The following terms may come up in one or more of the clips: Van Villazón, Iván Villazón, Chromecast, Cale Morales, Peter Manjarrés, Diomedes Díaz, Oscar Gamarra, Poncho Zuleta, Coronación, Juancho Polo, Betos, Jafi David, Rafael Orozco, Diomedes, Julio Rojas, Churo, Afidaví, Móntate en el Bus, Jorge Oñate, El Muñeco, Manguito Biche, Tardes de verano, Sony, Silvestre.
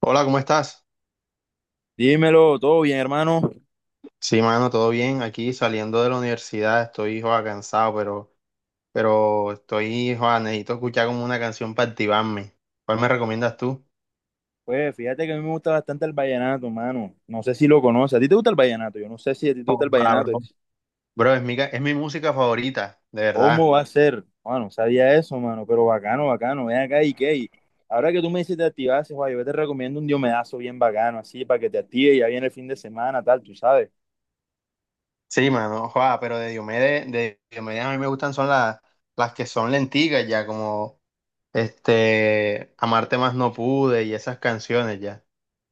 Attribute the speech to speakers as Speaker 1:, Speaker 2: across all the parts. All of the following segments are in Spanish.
Speaker 1: Hola, ¿cómo estás?
Speaker 2: Dímelo, todo bien, hermano.
Speaker 1: Sí, mano, todo bien. Aquí saliendo de la universidad estoy, joda, cansado, pero estoy, joda, necesito escuchar como una canción para activarme. ¿Cuál me recomiendas tú?
Speaker 2: Pues fíjate que a mí me gusta bastante el vallenato, hermano. No sé si lo conoces. ¿A ti te gusta el vallenato? Yo no sé si a ti te gusta el
Speaker 1: Joda,
Speaker 2: vallenato.
Speaker 1: bro. Bro, es mi música favorita, de verdad.
Speaker 2: ¿Cómo va a ser? Bueno, sabía eso, mano, pero bacano, bacano. Ven acá y qué. Y ahora que tú me dices te activaste, guay, yo te recomiendo un diomedazo bien bacano, así, para que te active. Ya viene el fin de semana, tal, tú sabes.
Speaker 1: Sí, mano, joda, pero de Diomedes a mí me gustan son las que son lenticas ya, como, Amarte más no pude y esas canciones ya.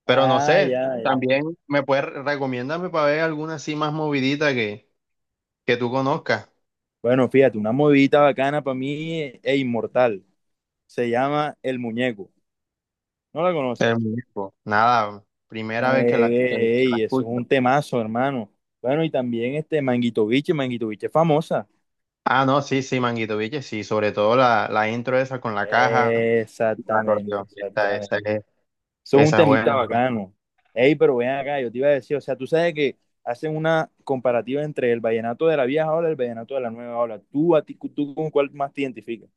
Speaker 1: Pero no
Speaker 2: Ah,
Speaker 1: sé,
Speaker 2: ya, ya.
Speaker 1: también me puedes, recomiéndame para ver alguna así más movidita que tú conozcas.
Speaker 2: Bueno, fíjate, una movidita bacana para mí e inmortal. Se llama El Muñeco. ¿No la
Speaker 1: El
Speaker 2: conoces?
Speaker 1: muñeco. Nada, primera vez que la,
Speaker 2: Ey,
Speaker 1: que- que la
Speaker 2: ey, ey, eso es
Speaker 1: escucho.
Speaker 2: un temazo, hermano. Bueno, y también este Manguito Biche, Manguito Biche es famosa.
Speaker 1: Ah, no, sí, sí, Manguito Viche, sí, sobre todo la intro esa con la caja, y la
Speaker 2: Exactamente,
Speaker 1: acordeón, esa,
Speaker 2: exactamente.
Speaker 1: esa, es-
Speaker 2: Eso es un
Speaker 1: esa es buena.
Speaker 2: temita bacano. Ey, pero ven acá, yo te iba a decir, o sea, tú sabes que hacen una comparativa entre el vallenato de la vieja ola y el vallenato de la nueva ola. ¿Tú, a ti, tú con cuál más te identificas?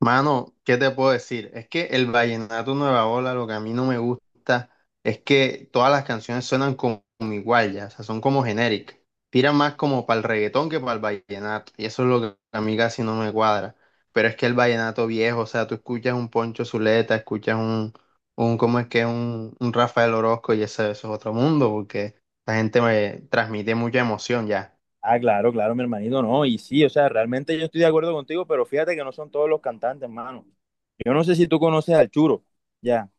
Speaker 1: Mano, ¿qué te puedo decir? Es que el vallenato Nueva Ola, lo que a mí no me gusta es que todas las canciones suenan como igual ya, o sea, son como genéricas. Tiran más como para el reggaetón que para el vallenato, y eso es lo que a mí casi no me cuadra. Pero es que el vallenato viejo, o sea, tú escuchas un Poncho Zuleta, escuchas un ¿cómo es que? Un Rafael Orozco, y eso es otro mundo, porque la gente me transmite mucha emoción ya.
Speaker 2: Ah, claro, claro, mi hermanito, no. Y sí, o sea, realmente yo estoy de acuerdo contigo, pero fíjate que no son todos los cantantes, hermano. Yo no sé si tú conoces al Churo, ya.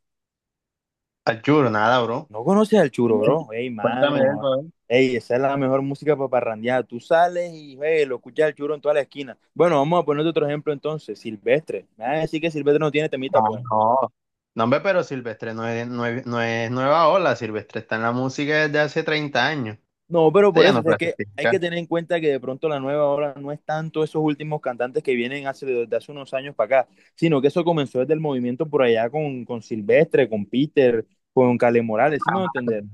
Speaker 1: Al churro, nada, bro.
Speaker 2: No conoces al Churoro. Ey,
Speaker 1: Cuéntame de
Speaker 2: mano.
Speaker 1: él.
Speaker 2: Ey, esa es la mejor música para parrandear. Tú sales y ey, lo escuchas al Churo en toda la esquina. Bueno, vamos a poner otro ejemplo entonces. Silvestre. Me van a decir que Silvestre no tiene
Speaker 1: Ah,
Speaker 2: temitas buenas.
Speaker 1: no. No, hombre, pero Silvestre no es nueva ola. Silvestre está en la música desde hace 30 años.
Speaker 2: No, pero
Speaker 1: Usted
Speaker 2: por
Speaker 1: ya
Speaker 2: eso,
Speaker 1: no
Speaker 2: o sea, es que hay
Speaker 1: clasifica.
Speaker 2: que tener en cuenta que de pronto la nueva ola no es tanto esos últimos cantantes que vienen hace, desde hace unos años para acá, sino que eso comenzó desde el movimiento por allá con Silvestre, con Peter, con Cale Morales, ¿sí me voy a entender?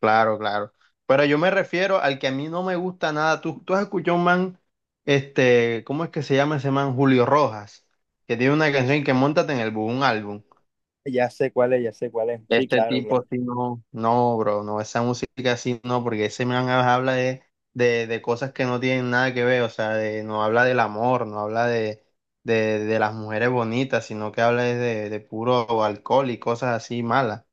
Speaker 1: Claro, claro. Pero yo me refiero al que a mí no me gusta nada. Tú has escuchado un man, ¿cómo es que se llama ese man? Julio Rojas, que tiene una canción que Móntate en el Bus, un álbum.
Speaker 2: Ya sé cuál es, ya sé cuál es. Sí,
Speaker 1: Este
Speaker 2: claro,
Speaker 1: tipo
Speaker 2: claro.
Speaker 1: sí no, no, bro, no, esa música sí no, porque ese man habla de cosas que no tienen nada que ver, o sea, de, no habla del amor, no habla de las mujeres bonitas, sino que habla es de puro alcohol y cosas así malas.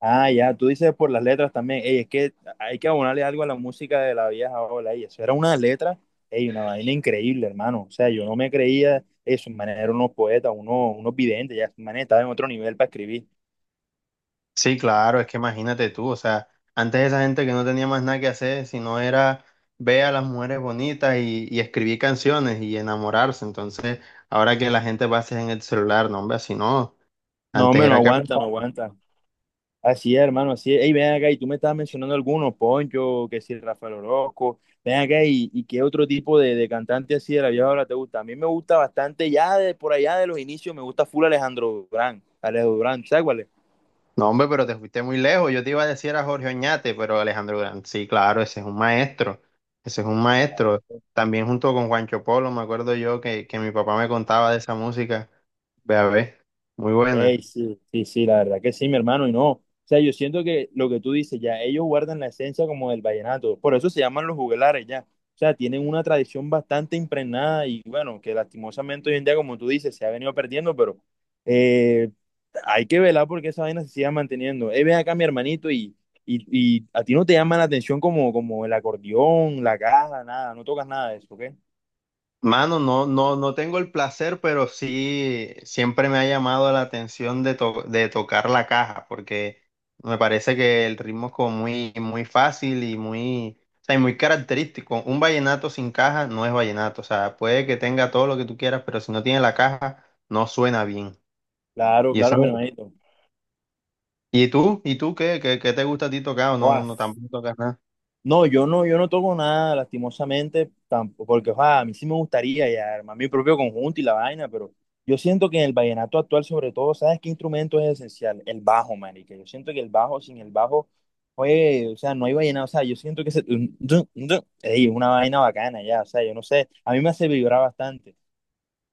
Speaker 2: Ah, ya, tú dices por las letras también. Ey, es que hay que abonarle algo a la música de la vieja ola. Ey, eso era una letra, ey, una vaina increíble, hermano. O sea, yo no me creía eso. Manera eran unos poetas, unos, unos videntes, ya, manera, manes estaban en otro nivel para escribir.
Speaker 1: Sí, claro, es que imagínate tú, o sea, antes esa gente que no tenía más nada que hacer, sino era ver a las mujeres bonitas y escribir canciones y enamorarse, entonces ahora que la gente va a hacer en el celular, no, hombre, así no,
Speaker 2: No,
Speaker 1: antes
Speaker 2: hombre, no
Speaker 1: era que...
Speaker 2: aguanta, no aguanta. Así es, hermano, así es. Ey, ven acá, y tú me estabas mencionando algunos, Poncho, que si Rafael Orozco. Ven acá, y qué otro tipo de cantante así de la vieja ola te gusta. A mí me gusta bastante, ya de por allá de los inicios, me gusta full Alejandro Durán. Alejandro Durán, ¿sabes cuál es?
Speaker 1: No, hombre, pero te fuiste muy lejos. Yo te iba a decir a Jorge Oñate, pero Alejandro Grant, sí, claro, ese es un maestro. Ese es un maestro. También junto con Juancho Polo, me acuerdo yo que mi papá me contaba de esa música. Ve a ver, muy buena.
Speaker 2: Ey, sí, sí, sí, la verdad que sí, mi hermano, y no. O sea, yo siento que lo que tú dices, ya ellos guardan la esencia como del vallenato, por eso se llaman los juglares, ya. O sea, tienen una tradición bastante impregnada y bueno, que lastimosamente hoy en día, como tú dices, se ha venido perdiendo, pero eh, hay que velar porque esa vaina se siga manteniendo. Ven acá, mi hermanito, y, y a ti no te llama la atención como, como el acordeón, la caja, nada, no tocas nada de eso, ¿ok?
Speaker 1: Mano, no, no, no tengo el placer, pero sí siempre me ha llamado la atención de tocar la caja, porque me parece que el ritmo es como muy, muy fácil y muy, o sea, y muy característico. Un vallenato sin caja no es vallenato, o sea, puede que tenga todo lo que tú quieras, pero si no tiene la caja, no suena bien.
Speaker 2: Claro,
Speaker 1: Y eso,
Speaker 2: claro, mi hermanito.
Speaker 1: ¿y tú? ¿Y tú qué? ¿Qué te gusta a ti tocar o no, no tampoco tocas nada?
Speaker 2: No, yo no toco nada, lastimosamente, tampoco, porque ojalá, a mí sí me gustaría ya armar mi propio conjunto y la vaina, pero yo siento que en el vallenato actual, sobre todo, ¿sabes qué instrumento es esencial? El bajo, marica. Yo siento que el bajo, sin el bajo, oye, o sea, no hay vallenato, o sea, yo siento que ey, es una vaina bacana ya, o sea, yo no sé, a mí me hace vibrar bastante.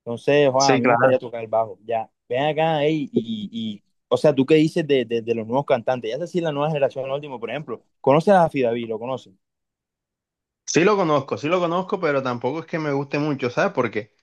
Speaker 2: Entonces, ojalá, a
Speaker 1: Sí,
Speaker 2: mí me
Speaker 1: claro.
Speaker 2: gustaría tocar el bajo, ya. Ven acá, ey, o sea, ¿tú qué dices de los nuevos cantantes? Ya sé si la nueva generación, el último, por ejemplo, ¿conoces a David? ¿Lo conoces?
Speaker 1: Sí lo conozco, pero tampoco es que me guste mucho, ¿sabes por qué?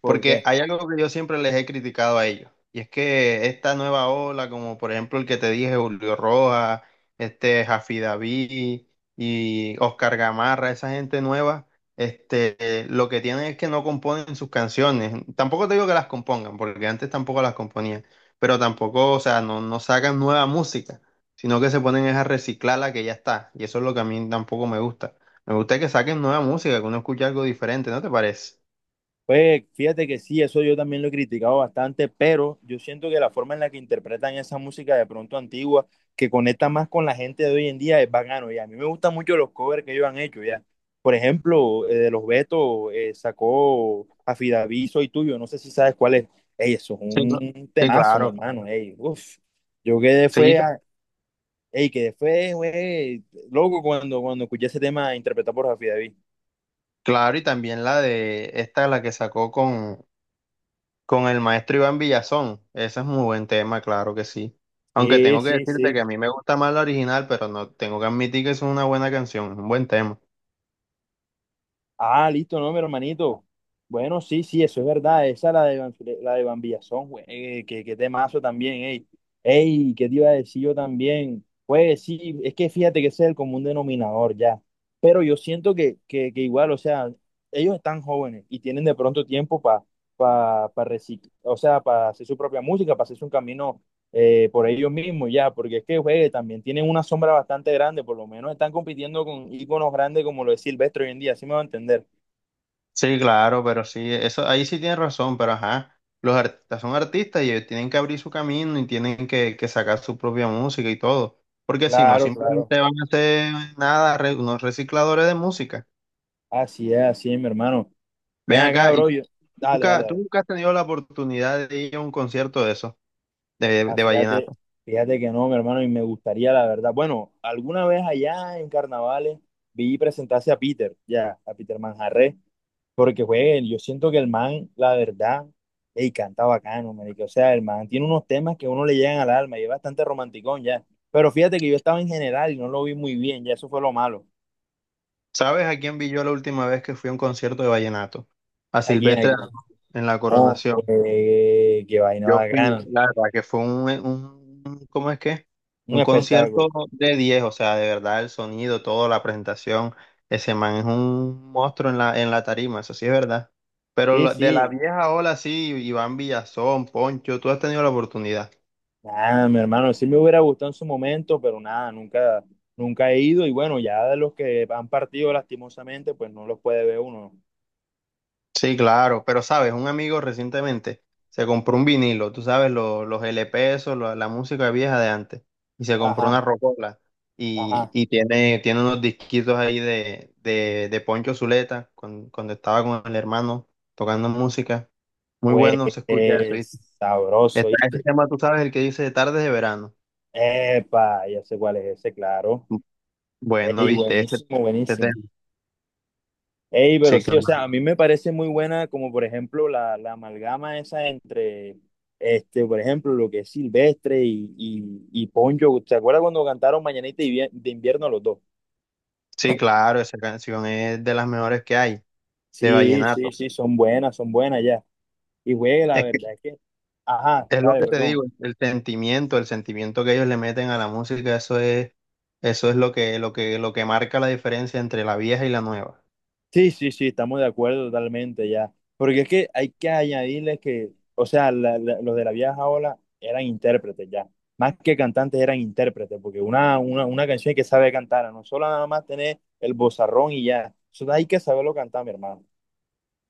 Speaker 2: ¿Por
Speaker 1: Porque
Speaker 2: qué?
Speaker 1: hay algo que yo siempre les he criticado a ellos, y es que esta nueva ola, como por ejemplo el que te dije, Julio Rojas, este Jafi David y Oscar Gamarra, esa gente nueva, lo que tienen es que no componen sus canciones. Tampoco te digo que las compongan, porque antes tampoco las componían, pero tampoco, o sea, no sacan nueva música, sino que se ponen es a reciclar la que ya está, y eso es lo que a mí tampoco me gusta. Me gusta que saquen nueva música, que uno escuche algo diferente, ¿no te parece?
Speaker 2: Pues fíjate que sí, eso yo también lo he criticado bastante, pero yo siento que la forma en la que interpretan esa música de pronto antigua, que conecta más con la gente de hoy en día, es bacano. Y a mí me gustan mucho los covers que ellos han hecho, ya. Por ejemplo, de los Betos sacó Afidaví, Soy Tuyo, no sé si sabes cuál es. Ey, eso es
Speaker 1: Sí, cl-
Speaker 2: un
Speaker 1: sí,
Speaker 2: temazo, mi
Speaker 1: claro.
Speaker 2: hermano.
Speaker 1: Claro.
Speaker 2: Ey, uf. Yo quedé
Speaker 1: Sí,
Speaker 2: fue, a- Ey, quedé fue, güey, loco cuando, cuando escuché ese tema interpretado por Afidaví.
Speaker 1: claro, y también la de esta, la que sacó con el maestro Iván Villazón. Ese es muy buen tema, claro que sí. Aunque
Speaker 2: Sí,
Speaker 1: tengo que
Speaker 2: sí,
Speaker 1: decirte que
Speaker 2: sí.
Speaker 1: a mí me gusta más la original, pero no tengo que admitir que es una buena canción, es un buen tema.
Speaker 2: Ah, listo, no, mi hermanito. Bueno, sí, sí, eso es verdad. Esa es la de, Van- La de Van Villazón, güey. Que temazo también, ey. Ey, ¿qué te iba a decir yo también? Pues sí, es que fíjate que ese es el común denominador ya. Pero yo siento que igual, o sea, ellos están jóvenes y tienen de pronto tiempo para o sea, para hacer su propia música, para hacerse un camino por ellos mismos ya, porque es que juegue, también tienen una sombra bastante grande, por lo menos están compitiendo con íconos grandes como lo es Silvestre hoy en día, así me va a entender.
Speaker 1: Sí, claro, pero sí, eso ahí sí tienes razón, pero ajá, los artistas son artistas y ellos tienen que abrir su camino y tienen que sacar su propia música y todo, porque si no,
Speaker 2: Claro, claro.
Speaker 1: simplemente van a ser nada, unos recicladores de música.
Speaker 2: Así es, mi hermano.
Speaker 1: Ven
Speaker 2: Ven acá,
Speaker 1: acá.
Speaker 2: bro. Yo- Dale, dale,
Speaker 1: Nunca, Tú
Speaker 2: dale.
Speaker 1: nunca has tenido la oportunidad de ir a un concierto de eso, de,
Speaker 2: Ah,
Speaker 1: de
Speaker 2: fíjate,
Speaker 1: vallenato.
Speaker 2: fíjate que no, mi hermano, y me gustaría, la verdad. Bueno, alguna vez allá en carnavales vi presentarse a Peter, ya, a Peter Manjarrés. Porque juegue, yo siento que el man, la verdad, ey, canta bacano, marica. O sea, el man tiene unos temas que a uno le llegan al alma y es bastante romanticón ya. Pero fíjate que yo estaba en general y no lo vi muy bien, ya eso fue lo malo.
Speaker 1: ¿Sabes a quién vi yo la última vez que fui a un concierto de vallenato? A
Speaker 2: Aquí,
Speaker 1: Silvestre
Speaker 2: aquí.
Speaker 1: en la
Speaker 2: Oh,
Speaker 1: Coronación.
Speaker 2: juegue, qué vaina
Speaker 1: Yo fui,
Speaker 2: bacana.
Speaker 1: la verdad, que fue ¿cómo es que?
Speaker 2: Un
Speaker 1: Un concierto
Speaker 2: espectáculo.
Speaker 1: de 10, o sea, de verdad, el sonido, todo, la presentación. Ese man es un monstruo en la, tarima, eso sí es verdad. Pero
Speaker 2: Sí,
Speaker 1: de la
Speaker 2: sí.
Speaker 1: vieja ola, sí, Iván Villazón, Poncho, tú has tenido la oportunidad.
Speaker 2: Nada, mi hermano, sí me hubiera gustado en su momento, pero nada, nunca, nunca he ido. Y bueno, ya de los que han partido lastimosamente, pues no los puede ver uno, ¿no?
Speaker 1: Sí, claro, pero sabes, un amigo recientemente se compró un vinilo, tú sabes, los LP, eso, la música vieja de antes, y se compró una
Speaker 2: Ajá,
Speaker 1: rocola y,
Speaker 2: ajá.
Speaker 1: y tiene unos disquitos ahí de Poncho Zuleta cuando estaba con el hermano tocando música. Muy
Speaker 2: Pues
Speaker 1: bueno se escucha eso, ¿viste?
Speaker 2: sabroso,
Speaker 1: Está ese
Speaker 2: ¿viste?
Speaker 1: tema, tú sabes, el que dice Tardes de verano.
Speaker 2: Epa, ya sé cuál es ese, claro.
Speaker 1: Bueno,
Speaker 2: Ey,
Speaker 1: ¿viste? Ese,
Speaker 2: buenísimo,
Speaker 1: ese
Speaker 2: buenísimo.
Speaker 1: tema.
Speaker 2: Ey, pero
Speaker 1: Sí,
Speaker 2: sí,
Speaker 1: claro.
Speaker 2: o sea, a mí me parece muy buena como por ejemplo la, la amalgama esa entre, este, por ejemplo, lo que es Silvestre y Poncho. ¿Se acuerda cuando cantaron Mañanita de invierno los dos?
Speaker 1: Sí, claro, esa canción es de las mejores que hay, de
Speaker 2: Sí, sí,
Speaker 1: vallenato.
Speaker 2: sí, son buenas ya. Y güey, la verdad es que, ajá,
Speaker 1: Es lo
Speaker 2: dale,
Speaker 1: que te digo,
Speaker 2: perdón.
Speaker 1: el sentimiento que ellos le meten a la música, eso es lo que, marca la diferencia entre la vieja y la nueva.
Speaker 2: Sí, sí, sí, estamos de acuerdo totalmente ya. Porque es que hay que añadirle que, o sea, los de la vieja ola eran intérpretes ya. Más que cantantes eran intérpretes, porque una canción hay que saber cantar, no solo nada más tener el bozarrón y ya. Eso hay que saberlo cantar, mi hermano.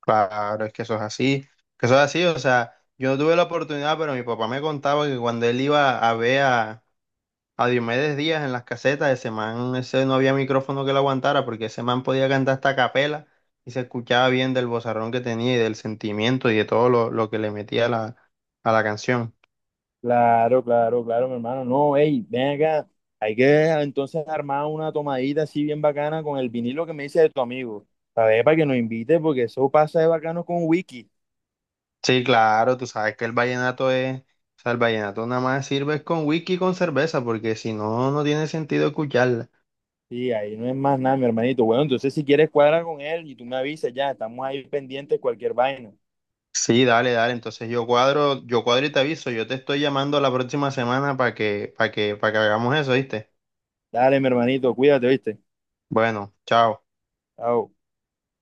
Speaker 1: Claro, es que eso es así, que eso es así, o sea, yo no tuve la oportunidad, pero mi papá me contaba que cuando él iba a ver a Diomedes Díaz en las casetas, ese man, ese no había micrófono que lo aguantara, porque ese man podía cantar hasta a capela y se escuchaba bien del vozarrón que tenía y del sentimiento y de todo lo que le metía a la, canción.
Speaker 2: Claro, claro, claro, mi hermano. No, hey, ven acá. Hay que entonces armar una tomadita así bien bacana con el vinilo que me dice de tu amigo. Para ver, para que nos invite, porque eso pasa de bacano con Wiki.
Speaker 1: Sí, claro, tú sabes que el vallenato es, o sea, el vallenato nada más sirve es con whisky y con cerveza, porque si no, no tiene sentido escucharla.
Speaker 2: Sí, ahí no es más nada, mi hermanito. Bueno, entonces si quieres cuadra con él y tú me avisas ya, estamos ahí pendientes de cualquier vaina.
Speaker 1: Sí, dale, dale, entonces yo cuadro y te aviso, yo te estoy llamando la próxima semana para que, para que hagamos eso, ¿viste?
Speaker 2: Dale, mi hermanito, cuídate, ¿viste?
Speaker 1: Bueno, chao.
Speaker 2: Chao.